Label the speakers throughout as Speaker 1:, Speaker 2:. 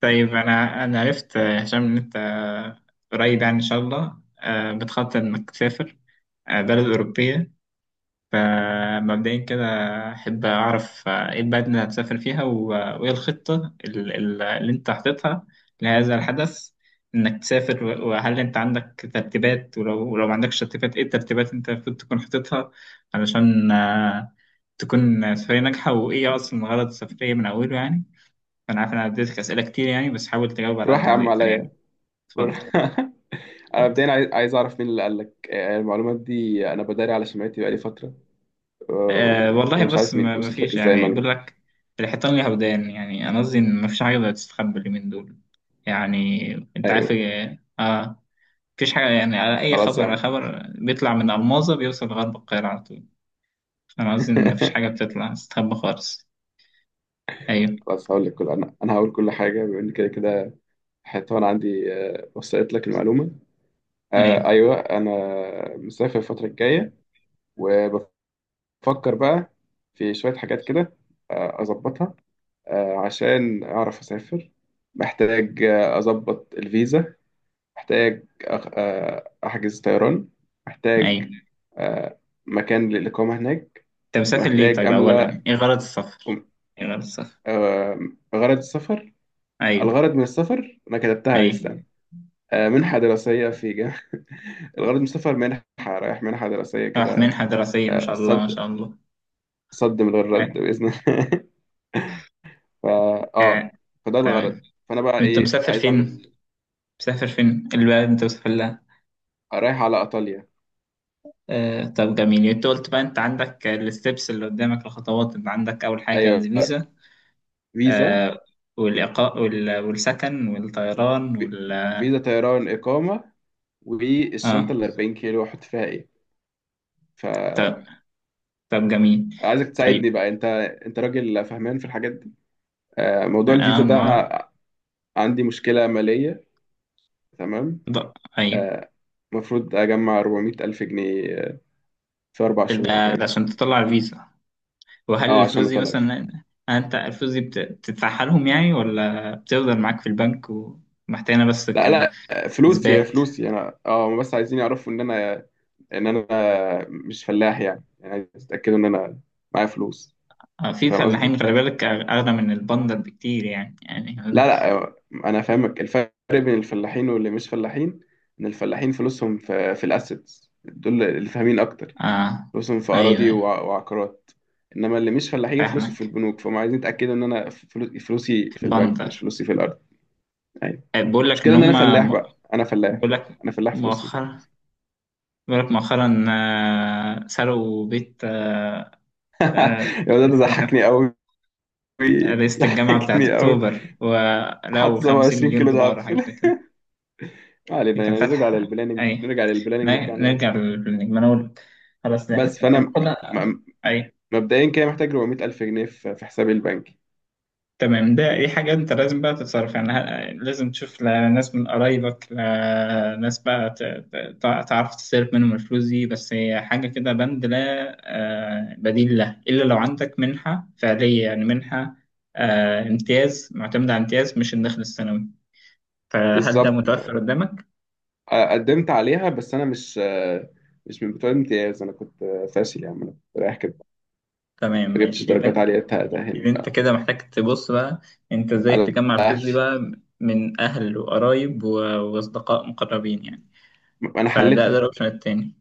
Speaker 1: طيب أنا عرفت يا هشام إن أنت قريب يعني إن شاء الله، بتخطط إنك تسافر بلد أوروبية. فمبدئيا كده أحب أعرف إيه البلد اللي هتسافر فيها وإيه الخطة اللي أنت حاططها لهذا الحدث، إنك تسافر، وهل أنت عندك ترتيبات؟ ولو ما عندكش ترتيبات، إيه الترتيبات اللي أنت المفروض تكون حاططها علشان تكون سفرية ناجحة؟ وإيه أصلا غرض السفرية من أوله يعني؟ انا عارف إن انا اديتك اسئله كتير يعني، بس حاول تجاوب على
Speaker 2: روح
Speaker 1: قد
Speaker 2: يا
Speaker 1: ما
Speaker 2: عم
Speaker 1: تقدر يعني.
Speaker 2: عليا
Speaker 1: اتفضل.
Speaker 2: روح. انا
Speaker 1: اتفضل.
Speaker 2: مبدئيا عايز اعرف مين اللي قال لك المعلومات دي. انا بداري على سمعتي بقالي فتره،
Speaker 1: أه والله
Speaker 2: وانا مش
Speaker 1: بص،
Speaker 2: عارف مين
Speaker 1: ما
Speaker 2: وصلت لك
Speaker 1: فيش
Speaker 2: ازاي
Speaker 1: يعني،
Speaker 2: المعلومه.
Speaker 1: بقول لك الحيطان ليها ودان. يعني انا قصدي ان ما فيش حاجه تقدر تستخبى اليومين دول. يعني انت عارف،
Speaker 2: ايوه،
Speaker 1: مفيش حاجه يعني. على اي
Speaker 2: خلاص يا
Speaker 1: خبر، على
Speaker 2: عم.
Speaker 1: خبر بيطلع من الماظه بيوصل لغرب القاهره على طول. فانا قصدي ان ما فيش حاجه بتطلع تستخبى خالص. ايوه.
Speaker 2: خلاص هقول لك كل، انا هقول كل حاجه بما ان كده كده حيطان عندي. وصلت لك المعلومه.
Speaker 1: ايوه.
Speaker 2: ايوه، انا مسافر الفتره الجايه، وبفكر بقى في شويه حاجات كده اظبطها، عشان اعرف اسافر. محتاج اظبط الفيزا، محتاج أخ... آه، أحجز طيران، محتاج
Speaker 1: ايوه،
Speaker 2: آه، مكان للإقامة هناك،
Speaker 1: انت مسافر ليه؟
Speaker 2: ومحتاج
Speaker 1: طيب اولا
Speaker 2: أملأ
Speaker 1: ايه غرض السفر؟ ايه غرض السفر؟
Speaker 2: آه، غرض السفر.
Speaker 1: ايوه.
Speaker 2: الغرض من السفر أنا كتبتها دي،
Speaker 1: ايوه.
Speaker 2: استنى. منحة دراسية في جامعة. الغرض من السفر منحة، رايح منحة دراسية
Speaker 1: راح
Speaker 2: كده.
Speaker 1: منحه دراسيه، ما شاء الله، ما
Speaker 2: صد،
Speaker 1: شاء الله.
Speaker 2: صد من غير رد بإذن الله. فا آه
Speaker 1: آه،
Speaker 2: فده
Speaker 1: تمام.
Speaker 2: الغرض. فأنا بقى
Speaker 1: انت
Speaker 2: إيه
Speaker 1: مسافر
Speaker 2: عايز
Speaker 1: فين؟
Speaker 2: أعمل؟
Speaker 1: مسافر فين البلد انت مسافر لها؟
Speaker 2: رايح على إيطاليا.
Speaker 1: طب جميل. يعني انت قلت بقى، انت عندك الستبس اللي قدامك، الخطوات. انت عندك اول حاجه
Speaker 2: أيوه،
Speaker 1: الفيزا،
Speaker 2: فيزا،
Speaker 1: آه، والاقاء والسكن والطيران وال-
Speaker 2: فيزا طيران إقامة، والشنطه
Speaker 1: اه.
Speaker 2: ال 40 كيلو احط فيها ايه؟
Speaker 1: طب.
Speaker 2: فعايزك
Speaker 1: طب جميل.
Speaker 2: تساعدني
Speaker 1: طيب.
Speaker 2: بقى انت، انت راجل فهمان في الحاجات دي. موضوع الفيزا
Speaker 1: اه.
Speaker 2: ده،
Speaker 1: ما
Speaker 2: عندي مشكله ماليه. تمام،
Speaker 1: ده. ايوه.
Speaker 2: آه، المفروض اجمع 400 الف جنيه في اربع شهور او
Speaker 1: ده
Speaker 2: حاجه.
Speaker 1: عشان تطلع الفيزا؟ وهل
Speaker 2: اه،
Speaker 1: الفلوس
Speaker 2: عشان
Speaker 1: دي
Speaker 2: اطلع.
Speaker 1: مثلا، انت الفلوس دي بتدفعها لهم يعني ولا بتفضل معاك في البنك ومحتاجها بس
Speaker 2: لا لا، فلوسي
Speaker 1: كاثبات؟
Speaker 2: فلوسي انا. اه، هم بس عايزين يعرفوا ان انا، ان انا مش فلاح يعني. يعني عايز يتاكدوا ان انا معايا فلوس.
Speaker 1: في
Speaker 2: فاهم قصدي؟
Speaker 1: فلاحين خلي بالك أغلى من البندر بكتير يعني، يعني.
Speaker 2: لا لا، انا فاهمك الفرق بين الفلاحين واللي مش فلاحين. ان الفلاحين فلوسهم في الاسيتس دول اللي فاهمين اكتر.
Speaker 1: آه.
Speaker 2: فلوسهم في اراضي
Speaker 1: أيوه.
Speaker 2: وعقارات. انما اللي مش فلاحين فلوسه في
Speaker 1: فاهمك.
Speaker 2: البنوك، فهم عايزين يتاكدوا ان انا فلوسي
Speaker 1: في
Speaker 2: في البنك، مش
Speaker 1: البندر.
Speaker 2: فلوسي في الارض. ايوه.
Speaker 1: بقول لك إن
Speaker 2: المشكله ان انا فلاح بقى، انا فلاح.
Speaker 1: بقول لك
Speaker 2: انا فلاح فلوسي في...
Speaker 1: مؤخرا مؤخرا سرقوا بيت، آه،
Speaker 2: يا ده
Speaker 1: رئيس
Speaker 2: ضحكني
Speaker 1: الجامعة
Speaker 2: قوي.
Speaker 1: رئيسة الجامعة بتاعت
Speaker 2: ضحكني قوي.
Speaker 1: أكتوبر
Speaker 2: حط
Speaker 1: ولقوا
Speaker 2: 27 كيلو
Speaker 1: 50 مليون
Speaker 2: دهب
Speaker 1: دولار
Speaker 2: في
Speaker 1: حاجة
Speaker 2: ال-.
Speaker 1: زي كده.
Speaker 2: ما علينا
Speaker 1: كان
Speaker 2: يعني، نرجع
Speaker 1: فاتح.
Speaker 2: للبلاننج،
Speaker 1: أي.
Speaker 2: نرجع للبلاننج بتاعنا يا عم.
Speaker 1: نرجع للنجم أنا أقول. خلاص ده
Speaker 2: بس
Speaker 1: كان،
Speaker 2: فانا
Speaker 1: كنا. أي.
Speaker 2: مبدئيا كده محتاج 400 ألف جنيه في حسابي البنكي.
Speaker 1: تمام. ده دي حاجة أنت لازم بقى تتصرف يعني. لازم تشوف ناس من قرايبك، ناس بقى تعرف تصرف منهم الفلوس دي. بس هي حاجة كده بند لا بديل له، إلا لو عندك منحة فعلية، يعني منحة امتياز، معتمدة على امتياز مش الدخل السنوي. فهل ده
Speaker 2: بالظبط.
Speaker 1: متوفر قدامك؟
Speaker 2: قدمت عليها بس أنا مش، مش من بتوع الامتياز. أنا كنت فاشل يا عم، أنا كنت رايح كده،
Speaker 1: تمام،
Speaker 2: ما جبتش
Speaker 1: ماشي. يبقى
Speaker 2: درجات
Speaker 1: أنت،
Speaker 2: عالية
Speaker 1: يبقى
Speaker 2: تأهلني
Speaker 1: أنت كده محتاج تبص بقى أنت إزاي
Speaker 2: على
Speaker 1: تجمع الفلوس دي
Speaker 2: أهلي.
Speaker 1: بقى، من أهل وقرايب وأصدقاء مقربين يعني.
Speaker 2: أنا
Speaker 1: فده ده
Speaker 2: حلتها،
Speaker 1: الاوبشن التاني.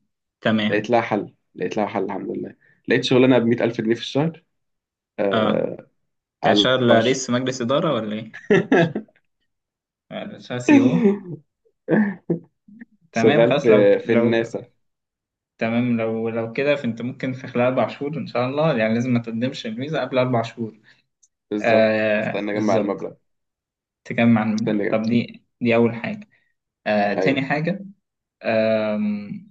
Speaker 2: لقيت
Speaker 1: تمام.
Speaker 2: لها حل، لقيت لها حل الحمد لله. لقيت شغلانة ب 100 ألف جنيه في الشهر،
Speaker 1: اه،
Speaker 2: آه،
Speaker 1: انت
Speaker 2: على
Speaker 1: هتشتغل
Speaker 2: الأربع شهور.
Speaker 1: رئيس مجلس اداره ولا ايه؟ هتشتغل سي او؟ تمام.
Speaker 2: شغال
Speaker 1: خلاص. لو
Speaker 2: في
Speaker 1: لو
Speaker 2: الناسا.
Speaker 1: تمام. لو كده فانت ممكن في خلال اربع شهور ان شاء الله يعني. لازم ما تقدمش الفيزا قبل اربع شهور.
Speaker 2: بالظبط،
Speaker 1: آه،
Speaker 2: استنى أجمع
Speaker 1: بالظبط.
Speaker 2: المبلغ،
Speaker 1: تجمع المبلغ،
Speaker 2: استنى أجمع.
Speaker 1: طب دي اول حاجه. آه، تاني
Speaker 2: أيوه،
Speaker 1: حاجه. آم،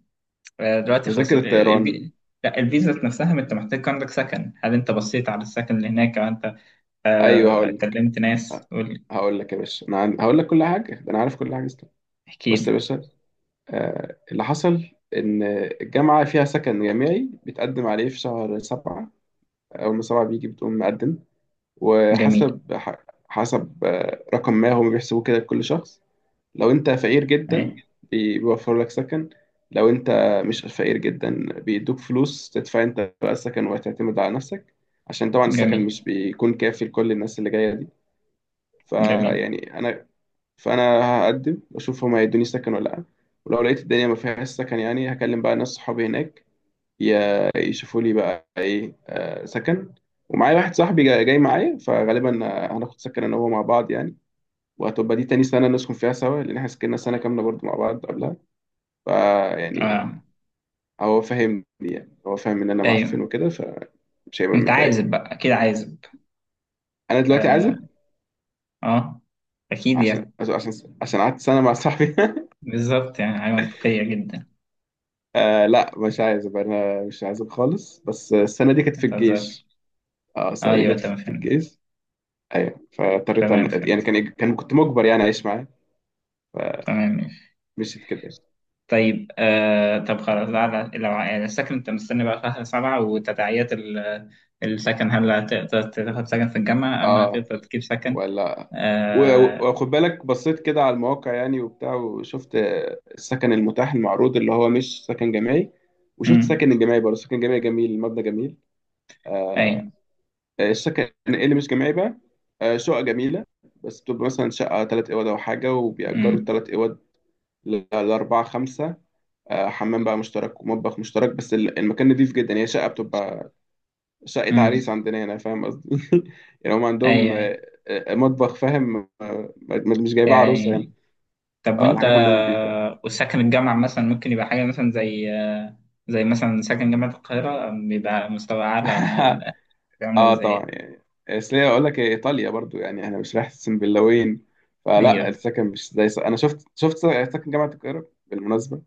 Speaker 1: آه، دلوقتي خلاص
Speaker 2: تذاكر الطيران.
Speaker 1: لا، الفيزا نفسها. ما انت محتاج، عندك سكن؟ هل انت بصيت على السكن اللي هناك او انت
Speaker 2: أيوه
Speaker 1: آه
Speaker 2: هقول،
Speaker 1: كلمت ناس؟
Speaker 2: ه-
Speaker 1: قول لي،
Speaker 2: هقول لك يا باشا. انا هقول لك كل حاجه، ده انا عارف كل حاجه، استنى.
Speaker 1: احكي
Speaker 2: بص يا
Speaker 1: لي.
Speaker 2: باشا، آه اللي حصل ان الجامعه فيها سكن جامعي بيتقدم عليه في شهر سبعة. اول ما سبعة بيجي، بتقوم مقدم،
Speaker 1: جميل.
Speaker 2: وحسب حسب رقم ما هم بيحسبوه كده لكل شخص. لو انت فقير جدا،
Speaker 1: أي.
Speaker 2: بيوفروا لك سكن. لو انت مش فقير جدا، بيدوك فلوس تدفع انت بقى السكن وتعتمد على نفسك، عشان طبعا السكن
Speaker 1: جميل.
Speaker 2: مش بيكون كافي لكل الناس اللي جايه دي.
Speaker 1: جميل.
Speaker 2: فيعني انا، فانا هقدم واشوف هما هيدوني سكن ولا لا. ولو لقيت الدنيا ما فيهاش سكن يعني، هكلم بقى ناس صحابي هناك يشوفوا لي بقى ايه سكن. ومعايا واحد صاحبي جاي معايا، فغالبا هناخد سكن انا وهو مع بعض يعني. وهتبقى دي تاني سنة نسكن فيها سوا، لأن احنا سكننا سنة كاملة برضو مع بعض قبلها. فيعني
Speaker 1: آه.
Speaker 2: هو فاهمني، يعني هو فاهم إن أنا
Speaker 1: ايوه،
Speaker 2: معفن وكده، فمش هيبقى
Speaker 1: انت
Speaker 2: متضايق.
Speaker 1: عازب بقى، اكيد عازب.
Speaker 2: أنا دلوقتي
Speaker 1: اه.
Speaker 2: عازب
Speaker 1: آه. اكيد
Speaker 2: عشان،
Speaker 1: يعني.
Speaker 2: عشان قعدت سنة مع صاحبي.
Speaker 1: بالظبط، يعني حاجه منطقيه جدا.
Speaker 2: آه لا مش عايز ابقى، انا مش عايز خالص، بس السنه دي كانت
Speaker 1: ما
Speaker 2: في
Speaker 1: تهزرش.
Speaker 2: الجيش. اه السنه دي
Speaker 1: ايوه،
Speaker 2: كانت
Speaker 1: تمام،
Speaker 2: في
Speaker 1: فهمت.
Speaker 2: الجيش. ايوه، فاضطريت
Speaker 1: تمام،
Speaker 2: يعني
Speaker 1: فهمت.
Speaker 2: كان كنت مجبر يعني اعيش معاه.
Speaker 1: تمام، ماشي.
Speaker 2: مشيت كده يعني.
Speaker 1: طيب، آه، طب خلاص، على لو على السكن انت مستني بقى شهر سبعة، وتداعيات السكن، هل هتقدر تاخد سكن في الجامعة أم
Speaker 2: اه،
Speaker 1: هتقدر تجيب سكن
Speaker 2: ولا
Speaker 1: آه؟
Speaker 2: وخد بالك، بصيت كده على المواقع يعني وبتاع، وشفت السكن المتاح المعروض اللي هو مش سكن جامعي، وشفت
Speaker 1: أمم.
Speaker 2: سكن الجامعي برضه. سكن جامعي جميل، المبنى جميل.
Speaker 1: أي.
Speaker 2: السكن إيه اللي مش جامعي بقى، شقق جميلة. بس بتبقى مثلا شقة تلات أوض أو حاجة، وبيأجروا
Speaker 1: أمم.
Speaker 2: التلات أوض لأربعة خمسة. حمام بقى مشترك ومطبخ مشترك، بس المكان نضيف جدا. هي شقة بتبقى شقة
Speaker 1: أمم.
Speaker 2: عريس عندنا هنا، فاهم قصدي؟ يعني هم
Speaker 1: أي.
Speaker 2: عندهم
Speaker 1: أي.
Speaker 2: مطبخ، فاهم؟ مش جايبها عروسة
Speaker 1: يعني،
Speaker 2: يعني.
Speaker 1: طب
Speaker 2: اه
Speaker 1: وانت
Speaker 2: الحاجات عندهم نضيفة.
Speaker 1: وساكن الجامعة مثلا، ممكن يبقى حاجة مثلا زي، زي مثلا ساكن جامعة القاهرة بيبقى مستوى أعلى مع عامل
Speaker 2: اه طبعا
Speaker 1: ازاي؟
Speaker 2: يعني، اصل هي اقول لك، هي ايطاليا برضو، يعني احنا مش رايح سنبلاوين. فلا،
Speaker 1: أيوه.
Speaker 2: السكن مش زي انا شفت، شفت سكن جامعة القاهرة بالمناسبة.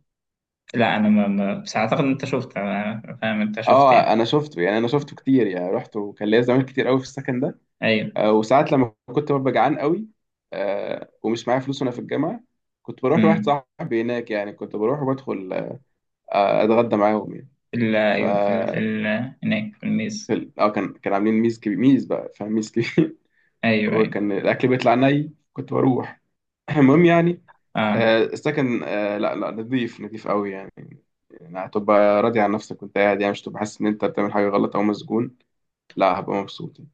Speaker 1: لا، أنا بس أعتقد إن أنت شفت، أنا فاهم أنت شفت يعني.
Speaker 2: اه انا شفته يعني، انا شفته كتير يعني، رحت وكان ليا زمان كتير قوي في السكن ده.
Speaker 1: أيوه.
Speaker 2: وساعات لما كنت ببقى جعان قوي، ومش معايا فلوس وانا في الجامعه، كنت بروح لواحد
Speaker 1: أمم.
Speaker 2: صاحبي هناك يعني، كنت بروح وبدخل اتغدى معاهم يعني.
Speaker 1: في ال-
Speaker 2: ف
Speaker 1: أيوه، في ال- في ال- هناك في
Speaker 2: في
Speaker 1: الميز.
Speaker 2: ال-، اه كان عاملين ميز كبير، ميز بقى فاهم، ميز كبير.
Speaker 1: أيوه. أيوه.
Speaker 2: وكان الاكل بيطلع ني، كنت بروح. المهم يعني،
Speaker 1: أه.
Speaker 2: السكن لا لا، نظيف نظيف قوي يعني. يعني هتبقى راضي عن نفسك وانت قاعد، يعني مش هتبقى حاسس ان انت بتعمل حاجه غلط او مسجون. لا هبقى مبسوط يعني.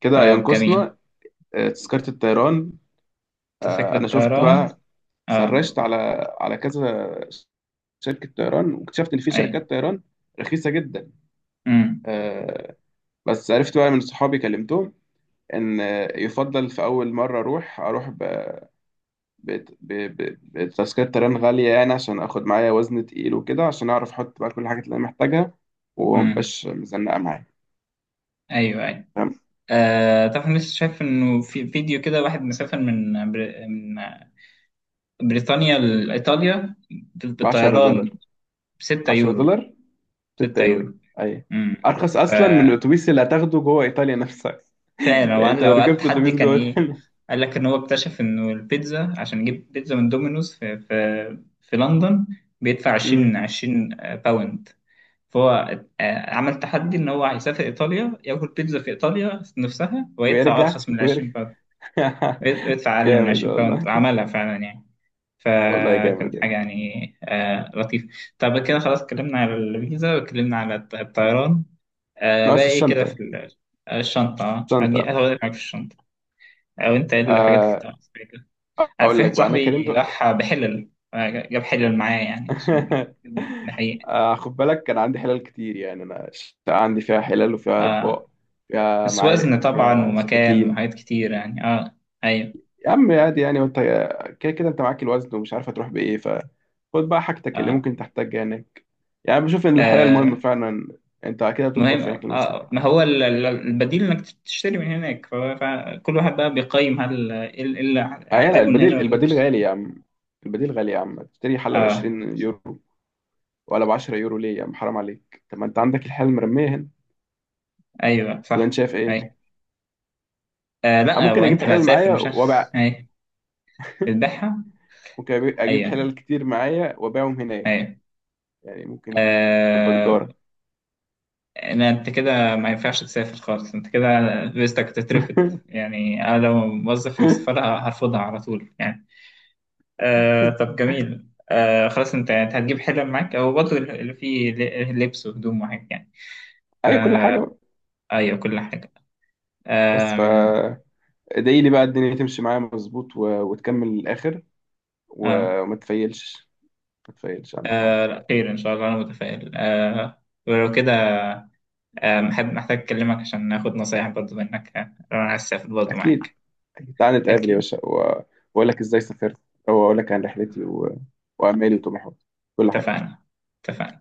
Speaker 2: كده
Speaker 1: طب جميل.
Speaker 2: ينقصنا تذكره الطيران.
Speaker 1: أنت فاكر
Speaker 2: انا شفت
Speaker 1: الطيران؟
Speaker 2: بقى،
Speaker 1: أه.
Speaker 2: سرشت على، على كذا شركة طيران، واكتشفت إن في
Speaker 1: أيوه.
Speaker 2: شركات طيران رخيصة جدا.
Speaker 1: أمم.
Speaker 2: آه، بس عرفت بقى من صحابي كلمتهم إن يفضل في أول مرة أروح، أروح بتذكرة طيران غالية، يعني عشان آخد معايا وزن تقيل وكده، عشان أعرف أحط بقى كل الحاجات اللي أنا محتاجها
Speaker 1: أمم.
Speaker 2: ومبقاش مزنقة معايا،
Speaker 1: أيوه. أيوه.
Speaker 2: فاهم؟
Speaker 1: آه طبعا، لسه شايف إنه في فيديو كده واحد مسافر من، من بريطانيا لإيطاليا
Speaker 2: ب 10
Speaker 1: بالطيران
Speaker 2: دولار
Speaker 1: بستة
Speaker 2: 10
Speaker 1: يورو.
Speaker 2: دولار 6
Speaker 1: ستة
Speaker 2: يورو.
Speaker 1: يورو.
Speaker 2: أي،
Speaker 1: امم،
Speaker 2: أرخص
Speaker 1: ف-
Speaker 2: أصلا من الأتوبيس اللي هتاخده جوه إيطاليا نفسها.
Speaker 1: فعلا.
Speaker 2: يعني
Speaker 1: وقال
Speaker 2: أنت لو
Speaker 1: لو قعدت
Speaker 2: ركبت
Speaker 1: حد
Speaker 2: أتوبيس
Speaker 1: كان
Speaker 2: جوه
Speaker 1: ايه.
Speaker 2: إيطاليا.
Speaker 1: قال لك ان هو اكتشف انه البيتزا، عشان يجيب بيتزا من دومينوز في لندن بيدفع 20
Speaker 2: مم.
Speaker 1: 20 باوند. فهو عمل تحدي ان هو هيسافر ايطاليا، ياكل بيتزا في ايطاليا نفسها ويدفع
Speaker 2: ويرجع
Speaker 1: ارخص من 20
Speaker 2: ويرجع.
Speaker 1: باوند. ويدفع اقل من
Speaker 2: جامد
Speaker 1: 20 باوند.
Speaker 2: والله.
Speaker 1: عملها فعلا يعني.
Speaker 2: والله
Speaker 1: فكانت
Speaker 2: جامد
Speaker 1: حاجة
Speaker 2: يعني.
Speaker 1: يعني لطيفة. طب كده خلاص، اتكلمنا على الفيزا، واتكلمنا على الطيران. آه، بقى
Speaker 2: ناقص
Speaker 1: ايه كده
Speaker 2: الشنطة.
Speaker 1: في الشنطة. هدي
Speaker 2: الشنطة،
Speaker 1: هقول لك حاجة في الشنطة، أو أنت ايه الحاجات اللي كنت
Speaker 2: آه،
Speaker 1: محتاجها كده. في
Speaker 2: أقول لك
Speaker 1: واحد
Speaker 2: بقى، أنا
Speaker 1: صاحبي
Speaker 2: كلمته.
Speaker 1: راح بحلل، جاب حلل معاه يعني عشان يظبط الحقيقة.
Speaker 2: خد بالك كان عندي حلال كتير يعني، أنا الشقة عندي فيها حلال وفيها
Speaker 1: آه،
Speaker 2: أطباق، فيها
Speaker 1: بس
Speaker 2: معالق
Speaker 1: وزن طبعا
Speaker 2: وفيها
Speaker 1: ومكان
Speaker 2: سكاكين.
Speaker 1: وحاجات كتير يعني، اه. أيوه.
Speaker 2: يا عم عادي يعني، وأنت كده كده أنت معاك الوزن ومش عارف هتروح بإيه، فخد بقى حاجتك اللي
Speaker 1: آه,
Speaker 2: ممكن تحتاجها هناك. يعني بشوف إن الحلال مهم
Speaker 1: آه.
Speaker 2: فعلا. أنت كده
Speaker 1: ما
Speaker 2: بتطبخ
Speaker 1: هي
Speaker 2: هناك لنفسك.
Speaker 1: ما هو البديل انك تشتري من هناك، فكل واحد بقى بيقيم هل ايه اللي، إيه اللي
Speaker 2: آه لا،
Speaker 1: هحتاجه من هنا
Speaker 2: البديل،
Speaker 1: ولا
Speaker 2: البديل غالي يا
Speaker 1: هيشتري.
Speaker 2: عم. البديل غالي يا عم، تشتري حلة ب
Speaker 1: اه.
Speaker 2: 20 يورو ولا ب 10 يورو، ليه يا عم حرام عليك؟ طب ما انت عندك الحلة المرمية هنا،
Speaker 1: ايوه
Speaker 2: ولا انت
Speaker 1: صح.
Speaker 2: شايف
Speaker 1: ايوه.
Speaker 2: ايه؟
Speaker 1: آه
Speaker 2: آه
Speaker 1: لا،
Speaker 2: ممكن اجيب
Speaker 1: وانت اللي
Speaker 2: حلل
Speaker 1: هتسافر
Speaker 2: معايا
Speaker 1: مش انا
Speaker 2: وابيع.
Speaker 1: ايوه. بتبيعها.
Speaker 2: ممكن اجيب
Speaker 1: ايوه.
Speaker 2: حلل كتير معايا وابيعهم هناك،
Speaker 1: ايوه.
Speaker 2: يعني ممكن تبقى
Speaker 1: آه
Speaker 2: تجارة.
Speaker 1: لا، انت كده. ما ينفعش تسافر خالص، انت كده فيزتك تترفض يعني. انا لو موظف في السفاره هرفضها على طول يعني. آه، طب جميل. آه خلاص، انت هتجيب حلم معاك او برضه اللي فيه لبس وهدوم وحاجات يعني.
Speaker 2: اي، كل حاجة
Speaker 1: فا-
Speaker 2: بقى.
Speaker 1: أيوة، كل حاجة.
Speaker 2: بس ف
Speaker 1: آم،
Speaker 2: ادعي لي بقى الدنيا تمشي معايا مظبوط وتكمل للاخر،
Speaker 1: آه.
Speaker 2: وما تفيلش، ما تفيلش اهم حاجة.
Speaker 1: لا، خير إن شاء الله، أنا متفائل. آه ولو كده محب محتاج أكلمك عشان ناخد نصايح برضو منك. أنا عايز أسافر برضو
Speaker 2: اكيد،
Speaker 1: معاك.
Speaker 2: تعالى نتقابل يا
Speaker 1: أكيد.
Speaker 2: باشا واقول لك ازاي سافرت، واقول لك عن رحلتي وامالي وطموحاتي، كل حاجه.
Speaker 1: اتفقنا. اتفقنا.